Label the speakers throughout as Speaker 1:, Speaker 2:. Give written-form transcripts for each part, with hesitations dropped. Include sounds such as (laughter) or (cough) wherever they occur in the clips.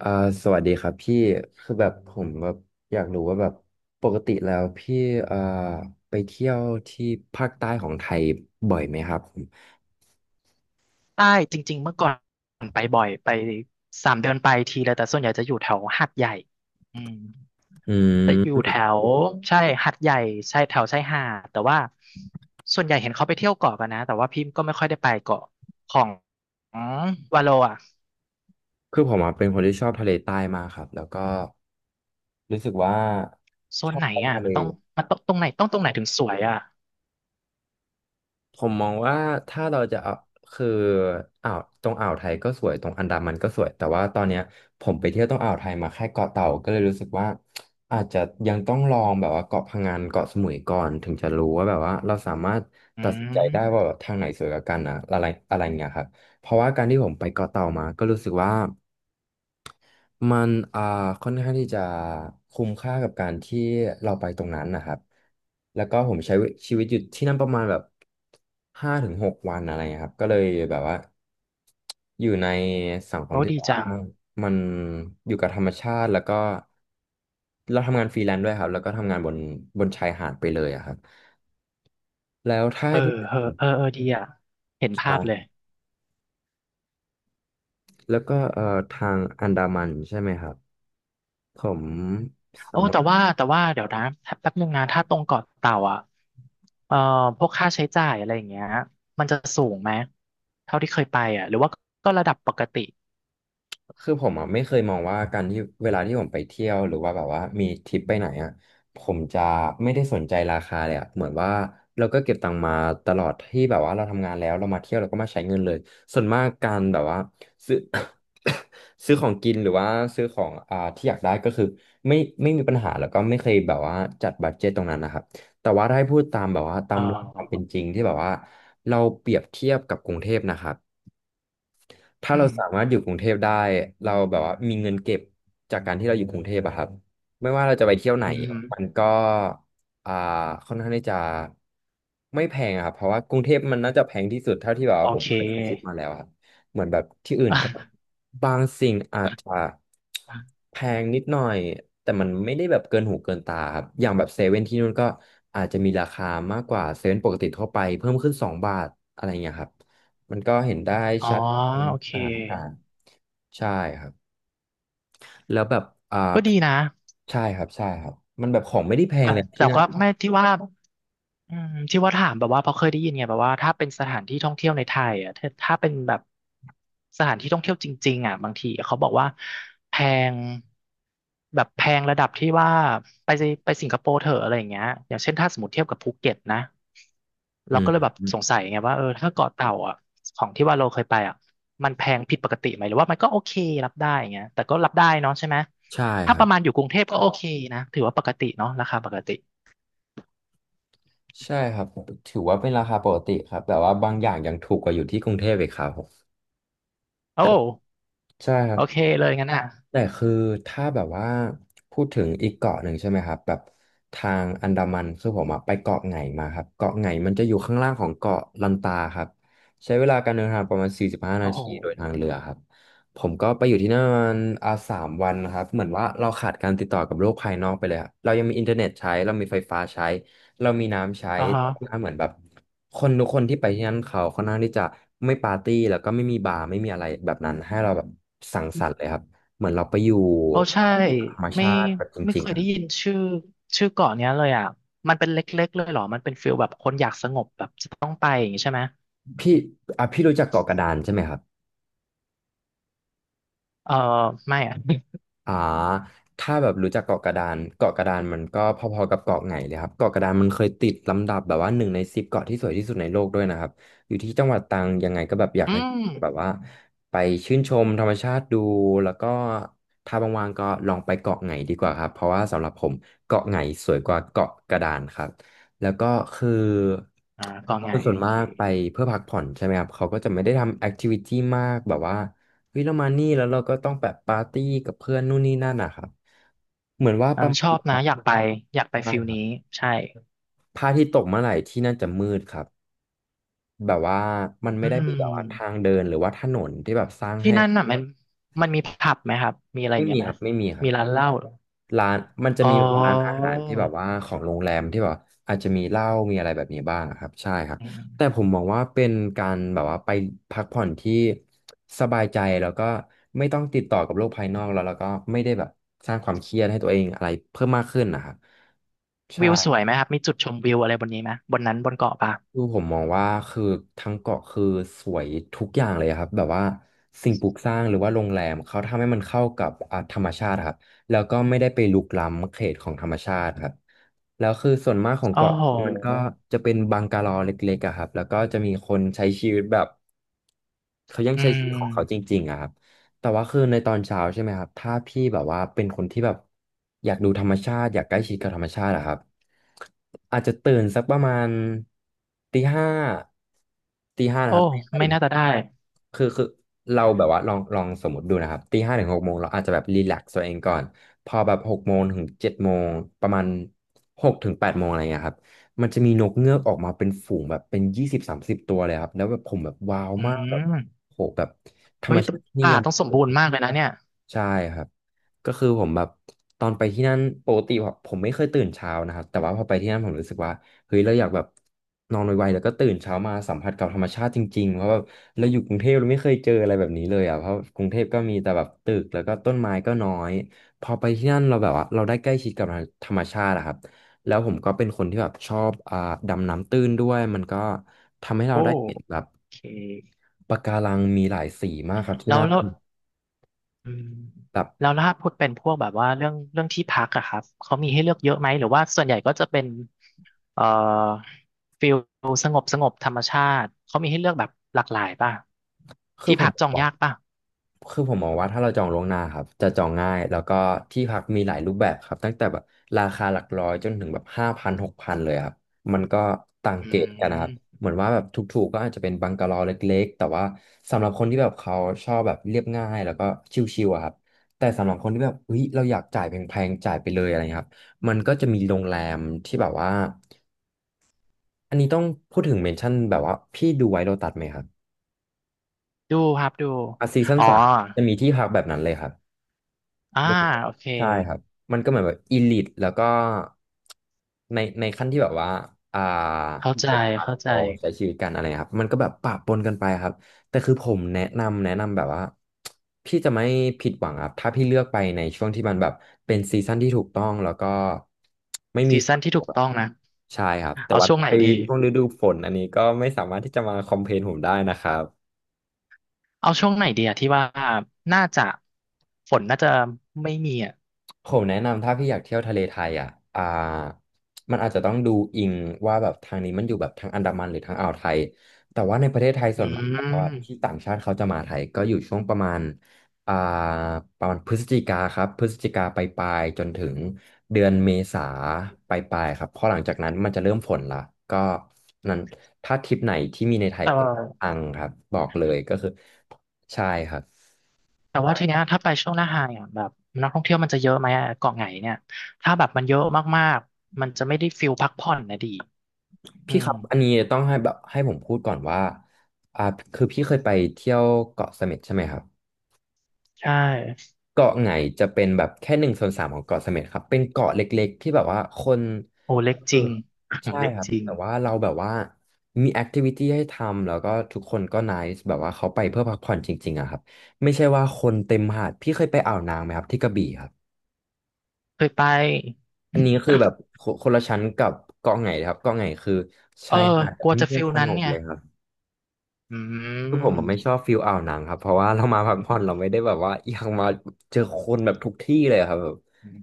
Speaker 1: อ่าสวัสดีครับพี่คือแบบผมแบบอยากรู้ว่าแบบปกติแล้วพี่อ่าไปเที่ยวที่ภาคใต้ของไทยบ่อยไหมครับผม
Speaker 2: ใต้จริงๆเมื่อก่อนไปบ่อยไปสามเดือนไปทีเลยแต่ส่วนใหญ่จะอยู่แถวหาดใหญ่อืม
Speaker 1: อื
Speaker 2: แต่อยู่แถ
Speaker 1: ม
Speaker 2: วใช่หาดใหญ่ใช่แถวชายหาดแต่ว่าส่วนใหญ่เห็นเขาไปเที่ยวเกาะกันนะแต่ว่าพี่ก็ไม่ค่อยได้ไปเกาะของวาโลอ่ะ
Speaker 1: คือผมอะเป็นคนที่ชอบทะเลใต้มากครับแล้วก็รู้สึกว่า
Speaker 2: โซ
Speaker 1: ช
Speaker 2: น
Speaker 1: อบ
Speaker 2: ไหน
Speaker 1: ไป
Speaker 2: อ่ะ
Speaker 1: ทะเล
Speaker 2: มันต้องมันต้องตรงไหนต้องตรงไหนถึงสวยอ่ะ
Speaker 1: ผมมองว่าถ้าเราจะเอาคืออ่าวตรงอ่าวไทยก็สวยตรงอันดามันก็สวยแต่ว่าตอนเนี้ยผมไปเที่ยวตรงอ่าวไทยมาแค่เกาะเต่าก็เลยรู้สึกว่าอาจจะยังต้องลองแบบว่าเกาะพะงันเกาะสมุยก่อนถึงจะรู้ว่าแบบว่าเราสามารถ
Speaker 2: อื
Speaker 1: ตัดสินใจได้ว่า
Speaker 2: ม
Speaker 1: แบบทางไหนสวยกว่ากันนะอะไรอะไรเงี้ยครับเพราะว่าการที่ผมไปเกาะเต่ามาก็รู้สึกว่า มันค่อนข้างที่จะคุ้มค่ากับการที่เราไปตรงนั้นนะครับแล้วก็ผมใช้ชีวิตอยู่ที่นั่นประมาณแบบ5 ถึง 6วันอะไรเงี้ยครับก็เลยแบบว่าอยู่ในสังคม
Speaker 2: โอ้
Speaker 1: ที่
Speaker 2: ดี
Speaker 1: แบบ
Speaker 2: จั
Speaker 1: ว่า
Speaker 2: ง
Speaker 1: มันอยู่กับธรรมชาติแล้วก็เราทำงานฟรีแลนซ์ด้วยครับแล้วก็ทำงานบนชายหาดไปเลยอะครับแล้วถ้า
Speaker 2: เออ
Speaker 1: ให้พูด
Speaker 2: เออดีอ่ะเห็นภา
Speaker 1: อ่า
Speaker 2: พเลย
Speaker 1: แล้วก็ทางอันดามันใช่ไหมครับผม
Speaker 2: โอ้
Speaker 1: สามา
Speaker 2: แต่
Speaker 1: รถ
Speaker 2: ว่าแต่ว่าเดี๋ยวนะแป๊บนึงนะถ้าตรงเกาะเต่าอ่ะเอ่อพวกค่าใช้จ่ายอะไรอย่างเงี้ยมันจะสูงไหมเท่าที่เคยไปอ่ะหรือว่าก็ระดับปกติ
Speaker 1: คือผมอ่ะไม่เคยมองว่าการที่เวลาที่ผมไปเที่ยวหรือว่าแบบว่ามีทริปไปไหนอ่ะผมจะไม่ได้สนใจราคาเลยอ่ะเหมือนว่าเราก็เก็บตังค์มาตลอดที่แบบว่าเราทำงานแล้วเรามาเที่ยวเราก็มาใช้เงินเลยส่วนมากการแบบว่าซื้อ (coughs) ซื้อของกินหรือว่าซื้อของที่อยากได้ก็คือไม่ไม่มีปัญหาแล้วก็ไม่เคยแบบว่าจัดบัดเจ็ตตรงนั้นนะครับแต่ว่าถ้าให้พูดตามแบบว่าตา
Speaker 2: เอ
Speaker 1: มความเป็น
Speaker 2: อ
Speaker 1: จริงที่แบบว่าเราเปรียบเทียบกับกรุงเทพนะครับ ถ้า
Speaker 2: อื
Speaker 1: เรา
Speaker 2: ม
Speaker 1: สามารถอยู่กรุงเทพได้เราแบบว่ามีเงินเก็บจากการที่เราอยู่กรุงเทพอะครับไม่ว่าเราจะไปเที่ยวไหน
Speaker 2: อืม
Speaker 1: มันก็อ่าค่อนข้างที่จะไม่แพงอะครับเพราะว่ากรุงเทพมันน่าจะแพงที่สุดเท่าที่แบบ
Speaker 2: โอ
Speaker 1: ว่าผม
Speaker 2: เค
Speaker 1: เคยคิดมาแล้วครับเหมือนแบบที่อื่นก็บางสิ่งอาจจะแพ
Speaker 2: (laughs)
Speaker 1: งนิดหน่อยแต่มันไม่ได้แบบเกินหูเกินตาครับอย่างแบบเซเว่นที่นู่นก็อาจจะมีราคามากกว่าเซเว่นปกติทั่วไปเพิ่มขึ้น2 บาทอะไรเงี้ยครับมันก็เห็นได้
Speaker 2: อ๋อ
Speaker 1: ชัด อันนี้
Speaker 2: โอเค
Speaker 1: สถานการณ์ใช่ครับแล้วแบบอ่า
Speaker 2: ก็ดีนะ
Speaker 1: ใช่ครับใช่ครับมันแบบของไม่ได้แพ
Speaker 2: แต่
Speaker 1: งเลย
Speaker 2: แต่
Speaker 1: ที่นั่น
Speaker 2: ก็ไม่ที่ว่า อืมที่ว่าถามแบบว่าเพราะเคยได้ยินไงแบบว่าถ้าเป็นสถานที่ท่องเที่ยวในไทยอ่ะถ้าเป็นแบบสถานที่ท่องเที่ยวจริงๆอ่ะบางทีเขาบอกว่าแพงแบบแพงระดับที่ว่าไปไปสิงคโปร์เถอะอะไรอย่างเงี้ยอย่างเช่นถ้าสมมติเทียบกับภูเก็ตนะ
Speaker 1: อื
Speaker 2: เรา
Speaker 1: ม
Speaker 2: ก็เลยแบบ
Speaker 1: อืม
Speaker 2: สงสัยไงว่าเออถ้าเกาะเต่าอ่ะของที่ว่าเราเคยไปอ่ะมันแพงผิดปกติไหมหรือว่ามันก็โอเครับได้อย่างเงี้ยแต่ก็รับได้เนาะใช่ไหม
Speaker 1: ใช่
Speaker 2: ถ้า
Speaker 1: ค
Speaker 2: ป
Speaker 1: รั
Speaker 2: ระมาณอ
Speaker 1: บ
Speaker 2: ยู่กรุงเทพก็โอเคนะถือว่าปกติเนาะราคาปกติ
Speaker 1: ใช่ครับถือว่าเป็นราคาปกติครับแต่ว่าบางอย่างยังถูกกว่าอยู่ที่กรุงเทพอีกครับผม
Speaker 2: โอ้
Speaker 1: แต่ใช่ครั
Speaker 2: โอ
Speaker 1: บ
Speaker 2: เคเลยงั้นอ่ะ
Speaker 1: แต่คือถ้าแบบว่าพูดถึงอีกเกาะหนึ่งใช่ไหมครับแบบทางอันดามันคือผมอะไปเกาะไหงมาครับเกาะไหงมันจะอยู่ข้างล่างของเกาะลันตาครับใช้เวลาการเดินทางประมาณ45
Speaker 2: โอ้
Speaker 1: นา
Speaker 2: โห
Speaker 1: ทีโดยทางเรือครับผมก็ไปอยู่ที่นั่นประมาณ3 วันนะครับเหมือนว่าเราขาดการติดต่อกับโลกภายนอกไปเลยครับเรายังมีอินเทอร์เน็ตใช้เรามีไฟฟ้าใช้เรามีน้ำใช้
Speaker 2: อ่าฮะ
Speaker 1: แต่ว่าเหมือนแบบคนทุกคนที่ไปที่นั่นเขาค่อนข้างที่จะไม่ปาร์ตี้แล้วก็ไม่มีบาร์ไม่มีอะไรแบบนั้นให้เราแบบสังสรรค์เลยครับ เหมือนเราไปอยู่
Speaker 2: โอ้ใช่
Speaker 1: ธรรม
Speaker 2: ไม่
Speaker 1: ชาติแบบจ
Speaker 2: ไม่
Speaker 1: ริ
Speaker 2: เค
Speaker 1: งๆ
Speaker 2: ย
Speaker 1: อ่ะ
Speaker 2: ได้ยินชื่อชื่อเกาะเนี้ยเลยอ่ะมันเป็นเล็กๆเลยเหรอมันเป็นฟิลแบบคนอยากสงบแบบจะต้องไปอย่างงี้ใช่ไหม
Speaker 1: พี่อ่ะพี่รู้จักเกาะกระดานใช่ไหมครับ
Speaker 2: เออไม่อ่ะ
Speaker 1: อ่าถ้าแบบรู้จักเกาะกระดานเกาะกระดานมันก็พอๆกับเกาะไหงเลยครับเกาะกระดานมันเคยติดลำดับแบบว่า1 ใน 10เกาะที่สวยที่สุดในโลกด้วยนะครับอยู่ที่จังหวัดตรังยังไงก็แบบอยา
Speaker 2: (laughs)
Speaker 1: ก
Speaker 2: อื
Speaker 1: ให้
Speaker 2: ม
Speaker 1: แบบว่าไปชื่นชมธรรมชาติดูแล้วก็ถ้าว่างๆก็ลองไปเกาะไหงดีกว่าครับเพราะว่าสำหรับผมเกาะไหงสวยกว่าเกาะกระดานครับแล้วก็คือ
Speaker 2: อ่าเกาะไง
Speaker 1: คนส่วน
Speaker 2: โอ
Speaker 1: มา
Speaker 2: เค
Speaker 1: กไปเพื่อพักผ่อนใช่ไหมครับเขาก็จะไม่ได้ทำแอคทิวิตี้มากแบบว่า เฮ้ยเรามานี่แล้วเราก็ต้องแบบปาร์ตี้กับเพื่อนนู่นนี่นั่นนะครับเหมือนว่า
Speaker 2: เออ
Speaker 1: ประ
Speaker 2: ช
Speaker 1: มา
Speaker 2: อ
Speaker 1: ณ
Speaker 2: บ
Speaker 1: แบบ
Speaker 2: นะ
Speaker 1: ว่า
Speaker 2: อยากไปอยากไป
Speaker 1: ใช่
Speaker 2: ฟิล
Speaker 1: ครั
Speaker 2: นี้
Speaker 1: บ
Speaker 2: ใช่
Speaker 1: พระอาทิตย์ตกเมื่อไหร่ที่นั่นจะมืดครับแบบว่ามัน
Speaker 2: อื
Speaker 1: ไม่ได้
Speaker 2: ม
Speaker 1: มีแบบว่าทางเดินหรือว่าถนนที่แบบสร้าง
Speaker 2: ที่
Speaker 1: ให้
Speaker 2: นั่นน่ะมันมันมีผับไหมครับมีอะไรอ
Speaker 1: ไม่
Speaker 2: ย่างเงี้
Speaker 1: มี
Speaker 2: ยไห
Speaker 1: ค
Speaker 2: ม
Speaker 1: รับไม่มีครั
Speaker 2: มี
Speaker 1: บ
Speaker 2: ร้านเหล้าเหรอ
Speaker 1: ร้านมันจะ
Speaker 2: อ๋อ
Speaker 1: มีแบบร้านอาหารที่แบบว่าของโรงแรมที่แบบอาจจะมีเหล้ามีอะไรแบบนี้บ้างอะครับใช่ครับ
Speaker 2: อื
Speaker 1: แต่
Speaker 2: ม
Speaker 1: ผมมองว่าเป็นการแบบว่าไปพักผ่อนที่สบายใจแล้วก็ไม่ต้องติดต่อกับโลกภายนอกแล้วก็ไม่ได้แบบสร้างความเครียดให้ตัวเองอะไรเพิ่มมากขึ้นนะครับ
Speaker 2: วิวสว
Speaker 1: ใช่
Speaker 2: ยไหมครับมีจุดชมวิวอะไรบนนี้ไหมบนนั้นบนเกาะปะ
Speaker 1: คือผมมองว่าคือทั้งเกาะคือสวยทุกอย่างเลยครับแบบว่าสิ่งปลูกสร้างหรือว่าโรงแรมเขาทำให้มันเข้ากับธรรมชาติครับแล้วก็ไม่ได้ไปรุกล้ำเขตของธรรมชาติครับแล้วคือส่วนมากของ
Speaker 2: โอ้
Speaker 1: เกาะ
Speaker 2: โห
Speaker 1: นี้มันก็จะเป็นบังกะโลเล็
Speaker 2: อืม
Speaker 1: แต่ว่าคือในตอนเช้าใช่ไหมครับถ้าพี่แบบว่าเป็นคนที่แบบอยากดูธรรมชาติอยากใกล้ชิดกับธรรมชาติอะครับอาจจะตื่นสักประมาณตีห้าตีห้า
Speaker 2: โอ้
Speaker 1: นะครับตีห้า
Speaker 2: ไม่
Speaker 1: ถึง
Speaker 2: น่า
Speaker 1: ห
Speaker 2: จะ
Speaker 1: ก
Speaker 2: ได้
Speaker 1: คือเราแบบว่าลองลองสมมติดูนะครับตี 5 ถึง 6 โมงเราอาจจะแบบรีแลกซ์ตัวเองก่อนพอแบบ6 โมง ถึง 7 โมงประมาณ6 ถึง 8 โมงอะไรเงี้ยครับมันจะมีนกเงือกออกมาเป็นฝูงแบบเป็น20-30ตัวเลยครับแล้วแบบผมแบบว้าว
Speaker 2: อื
Speaker 1: มากแบบ
Speaker 2: ม
Speaker 1: โหแบบ ธร
Speaker 2: เฮ้
Speaker 1: รม
Speaker 2: ย
Speaker 1: ชาติที่นี่
Speaker 2: ป่า
Speaker 1: ยัง
Speaker 2: ต้องสม
Speaker 1: โอ
Speaker 2: บูร
Speaker 1: เค
Speaker 2: ณ์มากเลยนะเนี่ย
Speaker 1: ใช่ครับ ก็คือผมแบบตอนไปที่นั่นปกติผมไม่เคยตื่นเช้านะครับแต่ว่าพอไปที่นั่นผมรู้สึกว่าเฮ้ยเราอยากแบบนอนไวๆแล้วก็ตื่นเช้ามาสัมผัสกับธรรมชาติจริงๆเพราะแบบเราอยู่กรุงเทพเราไม่เคยเจออะไรแบบนี้เลยอ่ะเพราะกรุงเทพก็มีแต่แบบตึกแล้วก็ต้นไม้ก็น้อย พอไปที่นั่นเราแบบว่าเราได้ใกล้ชิดกับธรรมชาติอะครับ แล้วผมก็เป็นคนที่แบบชอบดำน้ำตื้นด้วยมันก็ทำให้เรา
Speaker 2: โอ้
Speaker 1: ได้เห็นแบบ
Speaker 2: โอเค
Speaker 1: ปะการังมีหลายสีมากครับที่
Speaker 2: แล้ว
Speaker 1: นั่น
Speaker 2: แล้วอืม
Speaker 1: แบบ
Speaker 2: แล้วถ้าพูดเป็นพวกแบบว่าเรื่องที่พักอะครับ เขามีให้เลือกเยอะไหม หรือว่าส่วนใหญ่ก็จะเป็นเอ่อฟิลสงบสงบธรรมชาติ เขามีให้เลือกแบบหลากหลายป่ะ
Speaker 1: คื
Speaker 2: ที่
Speaker 1: อผ
Speaker 2: พั
Speaker 1: ม
Speaker 2: ก
Speaker 1: บ
Speaker 2: จ
Speaker 1: อ
Speaker 2: อ
Speaker 1: ก
Speaker 2: ง
Speaker 1: ว่า
Speaker 2: ยากป่ะ
Speaker 1: คือผมมองว่าถ้าเราจองล่วงหน้าครับจะจองง่ายแล้วก็ที่พักมีหลายรูปแบบครับตั้งแต่แบบราคาหลักร้อยจนถึงแบบ5,000-6,000เลยครับมันก็ต่าง
Speaker 2: อื
Speaker 1: เกรดกันนะครับ
Speaker 2: ม
Speaker 1: เหมือนว่าแบบถูกๆก็อาจจะเป็นบังกะโลเล็กๆแต่ว่าสำหรับคนที่แบบเขาชอบแบบเรียบง่ายแล้วก็ชิลๆอะครับแต่สำหรับคนที่แบบเฮ้ยเราอยากจ่ายแพงๆจ่ายไปเลยอะไรเงี้ยครับมันก็จะมีโรงแรมที่แบบว่าอันนี้ต้องพูดถึงเมนชั่นแบบว่าพี่ดูไว้โลตัสไหมครับ
Speaker 2: ดูครับดู
Speaker 1: อ่ะซีซั่น
Speaker 2: อ๋อ
Speaker 1: สามจะมีที่พักแบบนั้นเลยครับ
Speaker 2: อ่า
Speaker 1: บน
Speaker 2: โอ
Speaker 1: เขา
Speaker 2: เค
Speaker 1: ใช่ครับ มันก็เหมือนแบบอีลิตแล้วก็ในขั้นที่แบบว่าอ่า
Speaker 2: เข้าใจ
Speaker 1: ปก
Speaker 2: เข้า
Speaker 1: ติ
Speaker 2: ใจ
Speaker 1: เขาใช้ชีวิตกันอะไรครับมันก็แบบปะปนกันไปครับแต่คือผมแนะนำแบบว่าพี่จะไม่ผิดหวังครับถ้าพี่เลือกไปในช่วงที่มันแบบเป็นซีซั่นที่ถูกต้องแล้วก็ไม่มี
Speaker 2: ซี
Speaker 1: ฝ
Speaker 2: ซั่
Speaker 1: น
Speaker 2: น
Speaker 1: ต
Speaker 2: ที่ถู
Speaker 1: ก
Speaker 2: ก
Speaker 1: อะ
Speaker 2: ต้องนะ
Speaker 1: ใช่ครับแต่
Speaker 2: เอา
Speaker 1: ว่า
Speaker 2: ช่วงไหน
Speaker 1: ไป
Speaker 2: ดี
Speaker 1: ช่วงฤดูฝนอันนี้ก็ไม่สามารถที่จะมาคอมเพลนผมได้นะครับ
Speaker 2: เอาช่วงไหนดีอะที่ว่าน่าจะฝนน่าจะไม่มีอะ
Speaker 1: ผมแนะนำถ้าพี่อยากเที่ยวทะเลไทยอ่ะอ่ามันอาจจะต้องดูอิงว่าแบบทางนี้มันอยู่แบบทางอันดามันหรือทางอ่าวไทย แต่ว่าในประเทศไทย
Speaker 2: อื
Speaker 1: ส่วนมาก
Speaker 2: ม
Speaker 1: แล้วอะที่ต่างชาติเขาจะมาไทยก็อยู่ช่วงอ่าประมาณพฤศจิกาครับพฤศจิกาไปปลายๆจนถึงเดือนเมษาไปปลายๆครับเพราะหลังจากนั้นมันจะเริ่มฝนละก็นั้นถ้าทริปไหนที่มีในไทย
Speaker 2: แต่
Speaker 1: ก็
Speaker 2: ว่า
Speaker 1: อังครับบอกเลยก็คือใช่ครับ
Speaker 2: แต่ว่าทีเนี้ยถ้าไปช่วงหน้าไฮอ่ะแบบนักท่องเที่ยวมันจะเยอะไหมอะเกาะไหนเนี่ยถ้าแบบมันเยอะมากๆมันจะไม่ได้ฟิลพักผ่อนนะดีอื
Speaker 1: พี่ค
Speaker 2: ม
Speaker 1: รับอันนี้ต้องให้แบบให้ผมพูดก่อนว่าอ่าคือพี่เคยไปเที่ยวเกาะเสม็ดใช่ไหมครับ
Speaker 2: ใช่
Speaker 1: เกาะไหงจะเป็นแบบแค่1/3ของเกาะเสม็ดครับเป็นเกาะเล็กๆที่แบบว่าคน
Speaker 2: โอ้เล็ก
Speaker 1: เอ
Speaker 2: จ
Speaker 1: อ
Speaker 2: ริง
Speaker 1: ใช่
Speaker 2: (laughs) เล็ก
Speaker 1: ครับ
Speaker 2: จริง
Speaker 1: แต่ว่าเราแบบว่ามีแอคทิวิตี้ให้ทำแล้วก็ทุกคนก็ไนซ์แบบว่าเขาไปเพื่อพักผ่อนจริงๆอะครับไม่ใช่ว่าคนเต็มหาดพี่เคยไปอ่าวนางไหมครับที่กระบี่ครับ
Speaker 2: เคยไป
Speaker 1: อันนี้คือแบบคนคนละชั้นกับเกาะไหนครับเกาะไหงคือ
Speaker 2: เออ
Speaker 1: ชายหาดแบ
Speaker 2: ก
Speaker 1: บ
Speaker 2: ลัวจะ
Speaker 1: เงีย
Speaker 2: ฟิ
Speaker 1: บ
Speaker 2: ล
Speaker 1: ส
Speaker 2: นั้น
Speaker 1: งบ
Speaker 2: ไง
Speaker 1: เลยครับ
Speaker 2: อื
Speaker 1: คือผมมันไม่ชอบฟิลอ่าวนางครับเพราะว่าเรามาพักผ่อนเราไม่ได้แบบว่าอยากมาเจอคนแบบทุกที่เลยครับ
Speaker 2: ม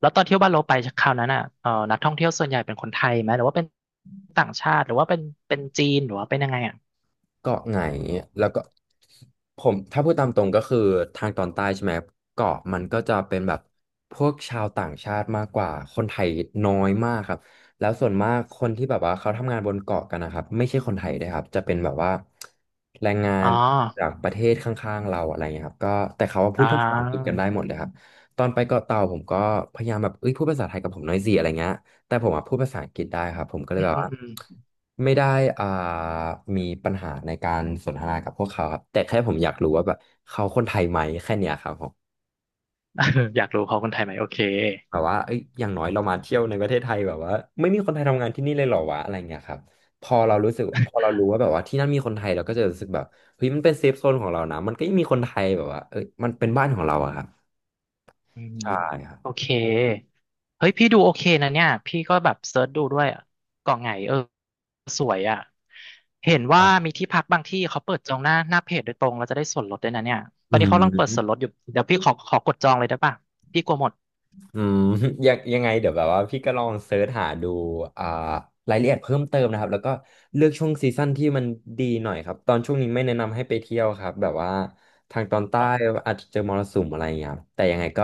Speaker 2: แล้วตอนเที่ยวบ้านเราไปคราวนั้นอ่ะนักท่องเที่ยวส่วนใหญ่เป็นคนไทยไหมหรือว่าเป็นต่างชาติหรือว่าเป็นเป็นจีนหรือว่าเป็นยังไงอ่ะ
Speaker 1: เกาะไหนแล้วก็ผมถ้าพูดตามตรงก็คือทางตอนใต้ใช่ไหมเกาะมันก็จะเป็นแบบพวกชาวต่างชาติมากกว่าคนไทยน้อยมากครับแล้วส่วนมากคนที่แบบว่าเขาทำงานบนเกาะกันนะครับไม่ใช่คนไทยด้วยครับจะเป็นแบบว่าแรงงา
Speaker 2: อ๋อ
Speaker 1: นจากประเทศข้างๆเราอะไรเงี้ยครับก็แต่เขาว่าพู
Speaker 2: อ่า
Speaker 1: ดภาษาอังกฤษกันได้หมดเลยครับตอนไปเกาะเต่าผมก็พยายามแบบเอ้ยพูดภาษาไทยกับผมหน่อยสิอะไรเงี้ย แต่ผมอะพูดภาษาอังกฤษได้ครับผมก็เล
Speaker 2: อื
Speaker 1: ย
Speaker 2: ม
Speaker 1: แบบ
Speaker 2: อืม
Speaker 1: ว่า
Speaker 2: (laughs) อืม
Speaker 1: ไม่ได้อ่ามีปัญหาในการสนทนากับพวกเขาครับแต่แค่ผมอยากรู้ว่าแบบเขาคนไทยไหมแค่เนี้ยครับผม
Speaker 2: เอออยากรู้เขาคนไทยไหมโอเค
Speaker 1: แบบว่าเอ้ยอย่างน้อยเรามาเที่ยวในประเทศไทยแบบว่าไม่มีคนไทยทำงานที่นี่เลยเหรอวะอะไรเงี้ยครับพอเรารู้สึกพอเรารู้ว่าแบบว่าที่นั่นมีคนไทยเราก็จะรู้สึกแบบเฮ้ยมันเป็นเซฟโซนของเรานะมันก็ยังมีคนไทยแบบว่าเอ้ยมันเป็นบ้านของเราอะครับ
Speaker 2: อืม
Speaker 1: ใช่ครับ
Speaker 2: โอเคเฮ้ยพี่ดูโอเคนะเนี่ยพี่ก็แบบเซิร์ชดูด้วยอะเกาะไหงเออสวยอ่ะเห็นว่า
Speaker 1: อ่ะ
Speaker 2: มีที่พักบางที่เขาเปิดจองหน้าหน้าเพจโดยตรงเราจะได้ส่วนลดด้วยนะเนี่ยตอ
Speaker 1: อื
Speaker 2: นนี้เขากำลังเปิดส่วน
Speaker 1: ม
Speaker 2: ลดอยู่เดี๋ยวพี่ขอกดจองเลยได้ป่ะพี่กลัวหมด
Speaker 1: อืม (laughs) ยังยังไงเดี๋ยวแบบว่าพี่ก็ลองเสิร์ชหาดูอ่ารายละเอียดเพิ่มเติมนะครับแล้วก็เลือกช่วงซีซั่นที่มันดีหน่อยครับตอนช่วงนี้ไม่แนะนำให้ไปเที่ยวครับแบบว่าทางตอนใต้
Speaker 2: อ๋อ
Speaker 1: อาจจะเจอมรสุมอะไรอย่างเงี้ยครับแต่ยังไงก็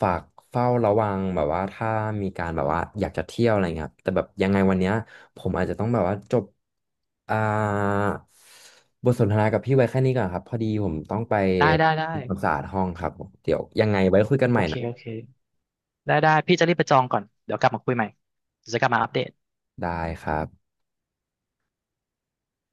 Speaker 1: ฝากเฝ้าระวังแบบว่าถ้ามีการแบบว่าอยากจะเที่ยวอะไรเงี้ยครับแต่แบบยังไงวันเนี้ยผมอาจจะต้องแบบว่าจบอ่าบทสนทนากับพี่ไว้แค่นี้ก่อนครับพอดีผมต้องไป
Speaker 2: ได้ได้ได้
Speaker 1: ทำความสะอาดห้องครับผมเดี๋ยวยังไงไว้คุยกัน
Speaker 2: โอ
Speaker 1: ใหม่
Speaker 2: เค
Speaker 1: นะ
Speaker 2: โอเคได้ได้ พี่จะรีบไปจองก่อน เดี๋ยวกลับมาคุยใหม่เดี๋ยวจะกลับมาอัปเดต
Speaker 1: ได้ครับ